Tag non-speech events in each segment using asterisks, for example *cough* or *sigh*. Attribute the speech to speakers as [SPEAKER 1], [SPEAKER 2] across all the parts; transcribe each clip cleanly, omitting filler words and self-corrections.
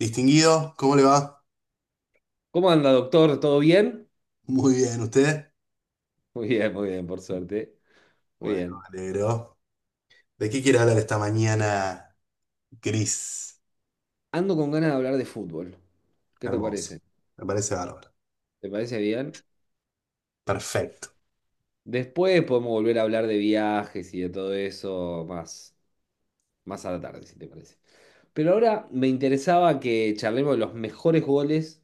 [SPEAKER 1] Distinguido, ¿cómo le va?
[SPEAKER 2] ¿Cómo anda, doctor? ¿Todo bien?
[SPEAKER 1] Muy bien, ¿usted?
[SPEAKER 2] Muy bien, muy bien, por suerte. Muy
[SPEAKER 1] Bueno,
[SPEAKER 2] bien.
[SPEAKER 1] me alegro. ¿De qué quiere hablar esta mañana gris?
[SPEAKER 2] Ando con ganas de hablar de fútbol. ¿Qué te
[SPEAKER 1] Hermoso.
[SPEAKER 2] parece?
[SPEAKER 1] Me parece bárbaro.
[SPEAKER 2] ¿Te parece bien?
[SPEAKER 1] Perfecto.
[SPEAKER 2] Después podemos volver a hablar de viajes y de todo eso más a la tarde, si te parece. Pero ahora me interesaba que charlemos de los mejores goles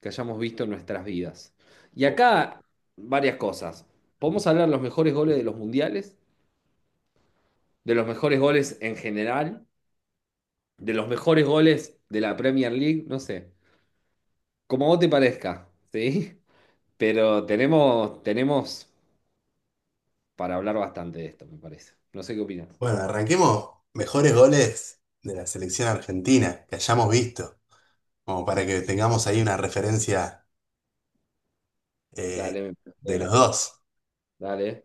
[SPEAKER 2] que hayamos visto en nuestras vidas. Y acá, varias cosas. Podemos hablar de los mejores goles de los mundiales, de los mejores goles en general, de los mejores goles de la Premier League, no sé. Como vos te parezca, ¿sí? Pero tenemos para hablar bastante de esto, me parece. No sé qué opinas.
[SPEAKER 1] Bueno, arranquemos mejores goles de la selección argentina que hayamos visto, como para que tengamos ahí una referencia eh,
[SPEAKER 2] Dale, me parece
[SPEAKER 1] de los
[SPEAKER 2] bien.
[SPEAKER 1] dos.
[SPEAKER 2] Dale.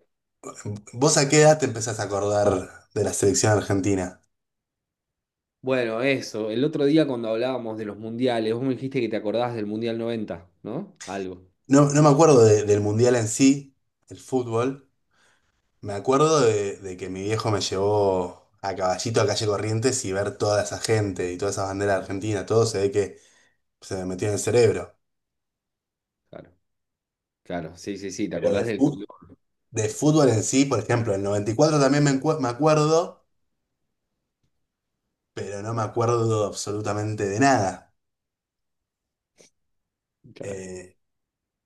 [SPEAKER 1] ¿Vos a qué edad te empezás a acordar de la selección argentina?
[SPEAKER 2] Bueno, eso. El otro día cuando hablábamos de los mundiales, vos me dijiste que te acordás del Mundial 90, ¿no? Algo.
[SPEAKER 1] No, no me acuerdo del mundial en sí, el fútbol. Me acuerdo de que mi viejo me llevó a Caballito a calle Corrientes y ver toda esa gente y todas esas banderas argentinas, todo se ve que se me metió en el cerebro.
[SPEAKER 2] Claro. Claro, sí, sí, sí, te
[SPEAKER 1] Pero
[SPEAKER 2] acordás del color.
[SPEAKER 1] de fútbol en sí, por ejemplo, el 94 también me acuerdo, pero no me acuerdo absolutamente de nada.
[SPEAKER 2] Claro.
[SPEAKER 1] Eh,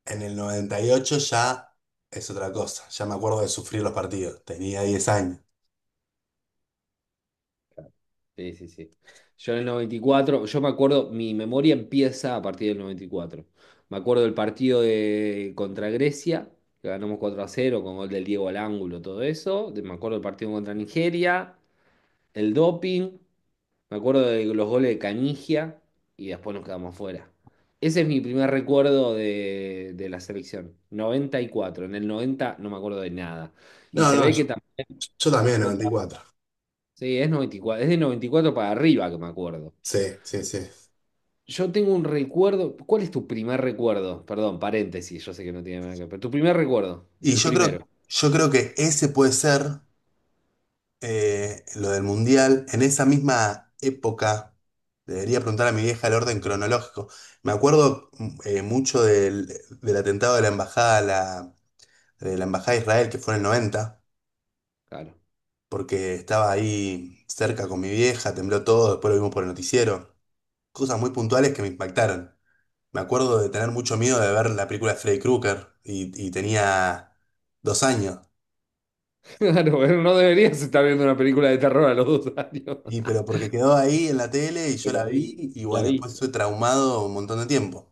[SPEAKER 1] en el 98 ya es otra cosa, ya me acuerdo de sufrir los partidos, tenía 10 años.
[SPEAKER 2] Claro. Sí, sí, sí. Yo en el 94, yo me acuerdo, mi memoria empieza a partir del 94. Me acuerdo del partido contra Grecia, que ganamos 4-0 con gol del Diego al ángulo, todo eso. Me acuerdo del partido contra Nigeria, el doping. Me acuerdo de los goles de Canigia y después nos quedamos fuera. Ese es mi primer recuerdo de la selección. Noventa y cuatro. En el 90 no me acuerdo de nada. Y
[SPEAKER 1] No,
[SPEAKER 2] se
[SPEAKER 1] no,
[SPEAKER 2] ve
[SPEAKER 1] yo,
[SPEAKER 2] que también.
[SPEAKER 1] yo también, noventa y cuatro.
[SPEAKER 2] Sí, es 94, es de 94 para arriba que me acuerdo.
[SPEAKER 1] Sí, sí, sí.
[SPEAKER 2] Yo tengo un recuerdo. ¿Cuál es tu primer recuerdo? Perdón, paréntesis, yo sé que no tiene nada que ver, pero tu primer recuerdo,
[SPEAKER 1] Y
[SPEAKER 2] el
[SPEAKER 1] yo creo,
[SPEAKER 2] primero,
[SPEAKER 1] yo creo que ese puede ser. Lo del mundial, en esa misma época, debería preguntar a mi vieja el orden cronológico. Me acuerdo mucho del atentado de la embajada, de la embajada de Israel, que fue en el noventa,
[SPEAKER 2] claro. *laughs*
[SPEAKER 1] porque estaba ahí cerca con mi vieja, tembló todo, después lo vimos por el noticiero. Cosas muy puntuales que me impactaron. Me acuerdo de tener mucho miedo de ver la película de Freddy Krueger y tenía dos años.
[SPEAKER 2] Claro, pero no deberías estar viendo una película de terror a los 2 años.
[SPEAKER 1] Y pero
[SPEAKER 2] *laughs*
[SPEAKER 1] porque quedó ahí en la tele y yo
[SPEAKER 2] Pero
[SPEAKER 1] la vi
[SPEAKER 2] ahí
[SPEAKER 1] y
[SPEAKER 2] la
[SPEAKER 1] bueno, después
[SPEAKER 2] viste.
[SPEAKER 1] estuve traumado un montón de tiempo.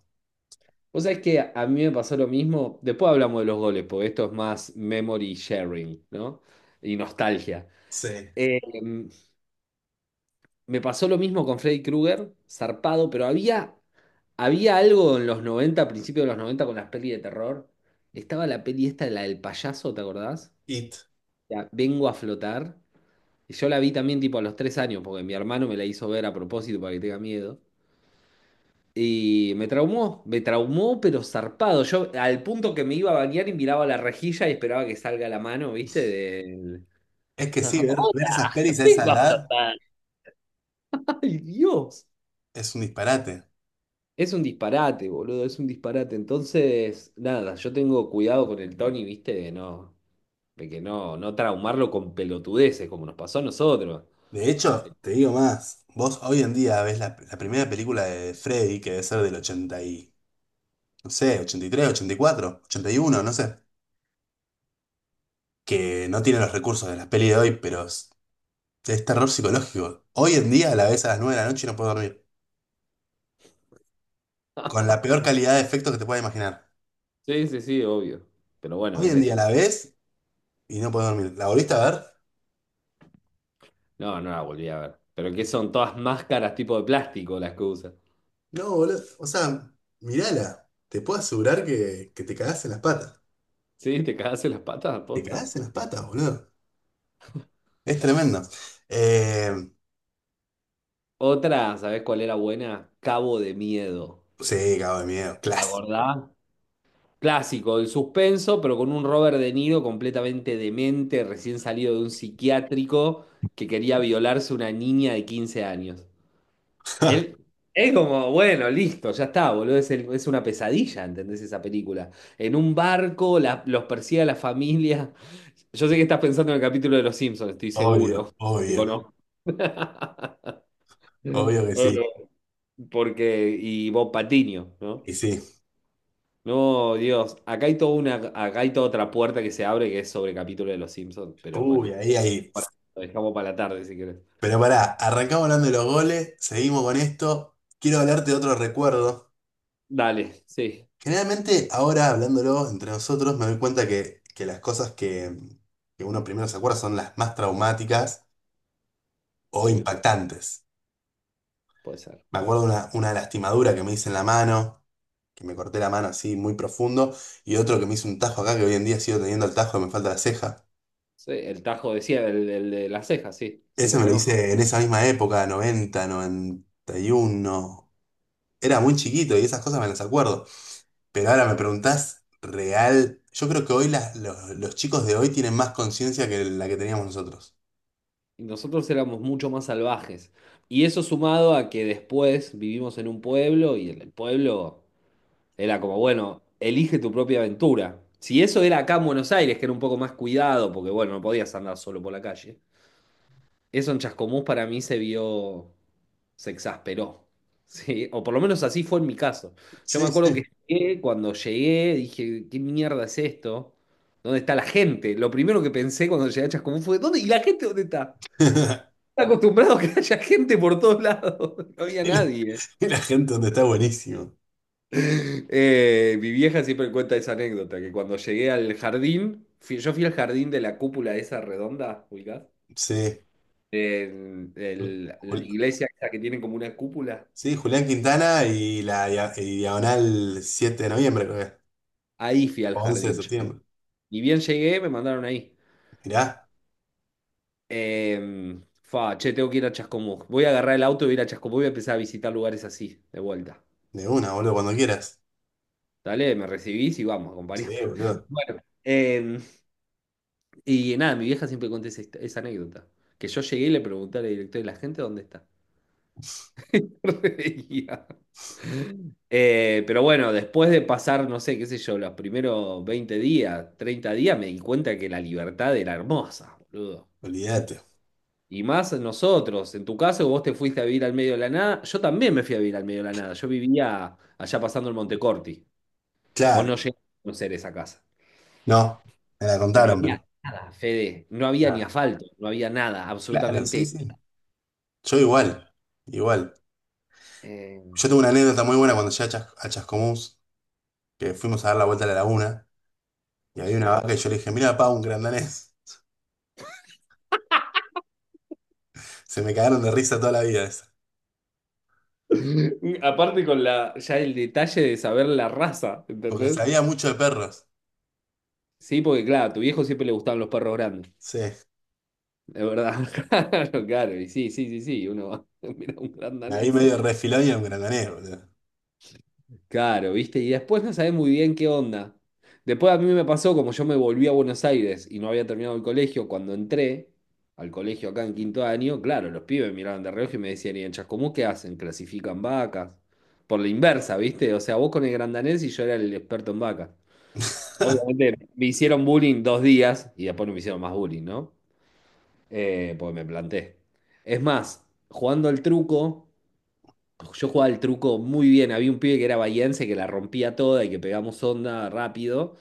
[SPEAKER 2] Vos sabés que a mí me pasó lo mismo. Después hablamos de los goles, porque esto es más memory sharing, ¿no? Y nostalgia.
[SPEAKER 1] Sí,
[SPEAKER 2] Eh, Me pasó lo mismo con Freddy Krueger, zarpado, pero había algo en los 90, a principios de los 90, con las pelis de terror. Estaba la peli esta, la del payaso, ¿te acordás?
[SPEAKER 1] It.
[SPEAKER 2] La Vengo a flotar. Y yo la vi también tipo a los 3 años, porque mi hermano me la hizo ver a propósito para que tenga miedo. Y me traumó, pero zarpado. Yo al punto que me iba a bañar y miraba la rejilla y esperaba que salga la mano, ¿viste? Del...
[SPEAKER 1] Es
[SPEAKER 2] *laughs*
[SPEAKER 1] que sí,
[SPEAKER 2] ¡Oh,
[SPEAKER 1] ver esas
[SPEAKER 2] la
[SPEAKER 1] pelis a esa
[SPEAKER 2] vengo a
[SPEAKER 1] edad
[SPEAKER 2] flotar! ¡Ay, Dios!
[SPEAKER 1] es un disparate.
[SPEAKER 2] Es un disparate, boludo, es un disparate. Entonces, nada, yo tengo cuidado con el Tony, viste, de no, de que no, no traumarlo con pelotudeces, como nos pasó a nosotros.
[SPEAKER 1] De hecho, te digo más, vos hoy en día ves la primera película de Freddy, que debe ser del 80 y, no sé, ochenta, ochenta y tres, ochenta y cuatro, ochenta y uno, no sé, que no tiene los recursos de las pelis de hoy, pero es terror psicológico. Hoy en día la ves a las 9 de la noche y no puedo dormir, con
[SPEAKER 2] *laughs*
[SPEAKER 1] la peor calidad de efectos que te puedas imaginar.
[SPEAKER 2] Sí, sí, sí, obvio. Pero bueno,
[SPEAKER 1] Hoy
[SPEAKER 2] es
[SPEAKER 1] en día
[SPEAKER 2] eso.
[SPEAKER 1] la ves y no puedo dormir. ¿La volviste a ver?
[SPEAKER 2] No, no la volví a ver. Pero que son todas máscaras tipo de plástico las que usa.
[SPEAKER 1] No, boludo. O sea, mirala. Te puedo asegurar que te cagás en las patas.
[SPEAKER 2] Sí, te cagaste las patas,
[SPEAKER 1] Te
[SPEAKER 2] posta.
[SPEAKER 1] cagás en las patas, boludo. Es tremendo.
[SPEAKER 2] *laughs*
[SPEAKER 1] Eh,
[SPEAKER 2] Otra, ¿sabés cuál era buena? Cabo de Miedo.
[SPEAKER 1] sí, cago de miedo.
[SPEAKER 2] ¿La
[SPEAKER 1] Clásico.
[SPEAKER 2] acordás? Clásico, el suspenso, pero con un Robert De Niro completamente demente, recién salido de un psiquiátrico que quería violarse una niña de 15 años. Él es como, bueno, listo, ya está, boludo, es, es una pesadilla, ¿entendés esa película? En un barco, los persigue a la familia. Yo sé que estás pensando en el capítulo de Los Simpsons, estoy seguro,
[SPEAKER 1] Obvio,
[SPEAKER 2] te
[SPEAKER 1] obvio.
[SPEAKER 2] conozco. *laughs*
[SPEAKER 1] Obvio que
[SPEAKER 2] Eh,
[SPEAKER 1] sí.
[SPEAKER 2] Porque, y Bob Patiño, ¿no?
[SPEAKER 1] Y sí.
[SPEAKER 2] No, Dios, acá hay toda una, acá hay toda otra puerta que se abre que es sobre capítulo de Los Simpsons, pero
[SPEAKER 1] Uy,
[SPEAKER 2] bueno,
[SPEAKER 1] ahí, ahí.
[SPEAKER 2] ahora lo dejamos para la tarde si querés.
[SPEAKER 1] Pero pará, arrancamos hablando de los goles. Seguimos con esto. Quiero hablarte de otro recuerdo.
[SPEAKER 2] Dale, sí,
[SPEAKER 1] Generalmente, ahora hablándolo entre nosotros, me doy cuenta que las cosas que uno primero se acuerda son las más traumáticas o
[SPEAKER 2] sí, no,
[SPEAKER 1] impactantes.
[SPEAKER 2] puede ser.
[SPEAKER 1] Me acuerdo una lastimadura que me hice en la mano, que me corté la mano así muy profundo, y otro que me hice un tajo acá, que hoy en día sigo teniendo el tajo que me falta la ceja.
[SPEAKER 2] Sí, el Tajo decía, el de las cejas, sí, sí,
[SPEAKER 1] Ese
[SPEAKER 2] lo
[SPEAKER 1] me lo
[SPEAKER 2] conozco.
[SPEAKER 1] hice en esa misma época, noventa, noventa y uno. Era muy chiquito y esas cosas me las acuerdo. Pero ahora me preguntás, real, yo creo que hoy los chicos de hoy tienen más conciencia que la que teníamos nosotros.
[SPEAKER 2] Y nosotros éramos mucho más salvajes. Y eso sumado a que después vivimos en un pueblo y el pueblo era como, bueno, elige tu propia aventura. Si eso era acá en Buenos Aires, que era un poco más cuidado, porque bueno, no podías andar solo por la calle. Eso en Chascomús para mí se vio, se exasperó, *laughs* ¿sí? O por lo menos así fue en mi caso. Yo me
[SPEAKER 1] Sí,
[SPEAKER 2] acuerdo que
[SPEAKER 1] sí.
[SPEAKER 2] llegué, cuando llegué dije, ¿qué mierda es esto? ¿Dónde está la gente? Lo primero que pensé cuando llegué a Chascomús fue, ¿dónde? ¿Y la gente dónde está?
[SPEAKER 1] *laughs*
[SPEAKER 2] Estaba acostumbrado a que haya gente por todos lados, *laughs* no había nadie.
[SPEAKER 1] Y la gente donde está buenísimo.
[SPEAKER 2] Mi vieja siempre cuenta esa anécdota, que cuando llegué al jardín, yo fui al jardín de la cúpula esa redonda, ubicás,
[SPEAKER 1] Sí.
[SPEAKER 2] en la iglesia esa que tiene como una cúpula.
[SPEAKER 1] Sí, Julián Quintana y diagonal 7 de noviembre, creo que es.
[SPEAKER 2] Ahí fui al
[SPEAKER 1] O 11 de
[SPEAKER 2] jardín.
[SPEAKER 1] septiembre.
[SPEAKER 2] Y bien llegué, me mandaron ahí.
[SPEAKER 1] Mirá,
[SPEAKER 2] Eh, fa, che, tengo que ir a Chascomús. Voy a agarrar el auto y voy a ir a Chascomús, voy a empezar a visitar lugares así, de vuelta.
[SPEAKER 1] de una, boludo, cuando quieras.
[SPEAKER 2] Dale, me recibís y vamos, acompañame.
[SPEAKER 1] Sí,
[SPEAKER 2] *laughs*
[SPEAKER 1] boludo,
[SPEAKER 2] Bueno, y nada, mi vieja siempre cuenta esa, esa anécdota. Que yo llegué y le pregunté al director de la gente dónde está. *laughs* Reía. Pero bueno, después de pasar, no sé, qué sé yo, los primeros 20 días, 30 días, me di cuenta que la libertad era hermosa, boludo.
[SPEAKER 1] olvídate.
[SPEAKER 2] Y más nosotros. En tu caso, vos te fuiste a vivir al medio de la nada. Yo también me fui a vivir al medio de la nada. Yo vivía allá pasando el Montecorti. Vos no
[SPEAKER 1] Claro,
[SPEAKER 2] llegaste a conocer esa casa.
[SPEAKER 1] no, me la
[SPEAKER 2] Pero no
[SPEAKER 1] contaron,
[SPEAKER 2] había
[SPEAKER 1] pero.
[SPEAKER 2] nada, Fede. No había ni
[SPEAKER 1] Ah,
[SPEAKER 2] asfalto. No había nada.
[SPEAKER 1] claro, sí,
[SPEAKER 2] Absolutamente.
[SPEAKER 1] sí. Yo igual, igual.
[SPEAKER 2] eh,
[SPEAKER 1] Yo tengo una
[SPEAKER 2] qué-
[SPEAKER 1] anécdota muy buena cuando llegué a, Chascomús, que fuimos a dar la vuelta a la laguna, y había una
[SPEAKER 2] sí.
[SPEAKER 1] vaca y yo le dije, mira, pa, un grandanés. *laughs* Se me cagaron de risa toda la vida esa.
[SPEAKER 2] *laughs* Aparte con la, ya el detalle de saber la raza,
[SPEAKER 1] Porque
[SPEAKER 2] ¿entendés?
[SPEAKER 1] sabía mucho de perros.
[SPEAKER 2] Sí, porque claro, a tu viejo siempre le gustaban los perros grandes,
[SPEAKER 1] Sí.
[SPEAKER 2] de verdad. *laughs* Claro, claro, y sí, sí, sí, sí, uno va, *laughs* mira un gran
[SPEAKER 1] Y ahí
[SPEAKER 2] danés.
[SPEAKER 1] medio refilón y era un grandanés, boludo.
[SPEAKER 2] Claro, ¿viste? Y después no sabés muy bien qué onda. Después a mí me pasó, como yo me volví a Buenos Aires y no había terminado el colegio, cuando entré al colegio acá en quinto año, claro, los pibes miraban de reojo y me decían, ¿y en Chascomús qué hacen? ¿Clasifican vacas? Por la inversa, ¿viste? O sea, vos con el grandanés y yo era el experto en vacas. Obviamente me hicieron bullying 2 días y después no me hicieron más bullying, ¿no? Porque me planté. Es más, jugando al truco. Yo jugaba el truco muy bien. Había un pibe que era bahiense que la rompía toda y que pegamos onda rápido.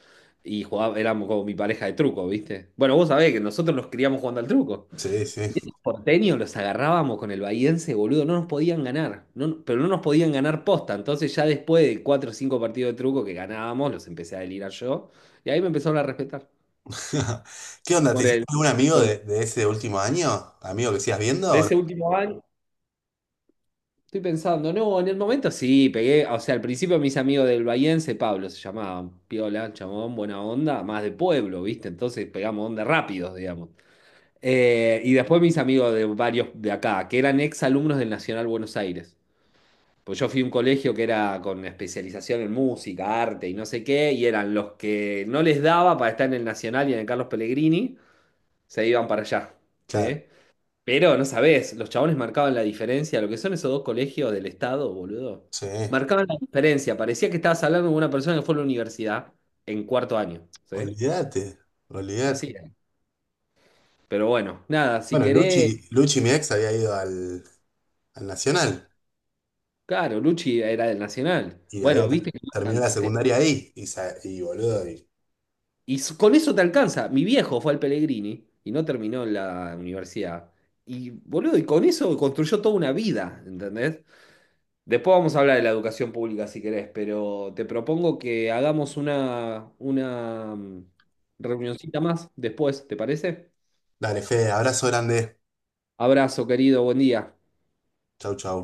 [SPEAKER 2] Y jugaba, éramos como mi pareja de truco, ¿viste? Bueno, vos sabés que nosotros nos criamos jugando al truco.
[SPEAKER 1] Sí, sí.
[SPEAKER 2] Porteño los agarrábamos con el bahiense, boludo. No nos podían ganar. No, pero no nos podían ganar posta. Entonces, ya después de cuatro o cinco partidos de truco que ganábamos, los empecé a delirar yo. Y ahí me empezaron a respetar.
[SPEAKER 1] *laughs* ¿Qué onda? ¿Te
[SPEAKER 2] Por
[SPEAKER 1] hiciste
[SPEAKER 2] el,
[SPEAKER 1] algún amigo
[SPEAKER 2] por-
[SPEAKER 1] de ese último año? ¿Amigo que sigas viendo
[SPEAKER 2] de
[SPEAKER 1] o no?
[SPEAKER 2] ese último año. Estoy pensando, no, en el momento sí, pegué, o sea, al principio mis amigos del Bahiense, Pablo se llamaban, piola, chamón, buena onda, más de pueblo, ¿viste? Entonces pegamos onda rápidos, digamos. Y después mis amigos de varios de acá, que eran ex alumnos del Nacional Buenos Aires. Pues yo fui a un colegio que era con especialización en música, arte y no sé qué, y eran los que no les daba para estar en el Nacional y en el Carlos Pellegrini, se iban para allá,
[SPEAKER 1] Claro,
[SPEAKER 2] ¿sí? Pero no sabés, los chabones marcaban la diferencia, lo que son esos dos colegios del Estado, boludo.
[SPEAKER 1] sí.
[SPEAKER 2] Marcaban la diferencia, parecía que estabas hablando con una persona que fue a la universidad en cuarto año, ¿sí?
[SPEAKER 1] Olvídate,
[SPEAKER 2] Así
[SPEAKER 1] olvídate.
[SPEAKER 2] era. Pero bueno, nada, si
[SPEAKER 1] Bueno,
[SPEAKER 2] querés,
[SPEAKER 1] Luchi, Luchi, mi ex, había ido al Nacional
[SPEAKER 2] claro, Luchi era del Nacional.
[SPEAKER 1] y había
[SPEAKER 2] Bueno, viste que
[SPEAKER 1] terminado
[SPEAKER 2] marcan,
[SPEAKER 1] la secundaria ahí. Boludo, y
[SPEAKER 2] Con eso te alcanza. Mi viejo fue al Pellegrini y no terminó en la universidad. Y boludo, y con eso construyó toda una vida, ¿entendés? Después vamos a hablar de la educación pública si querés, pero te propongo que hagamos una reunioncita más después, ¿te parece?
[SPEAKER 1] dale, Fede, abrazo grande.
[SPEAKER 2] Abrazo, querido, buen día.
[SPEAKER 1] Chau, chau.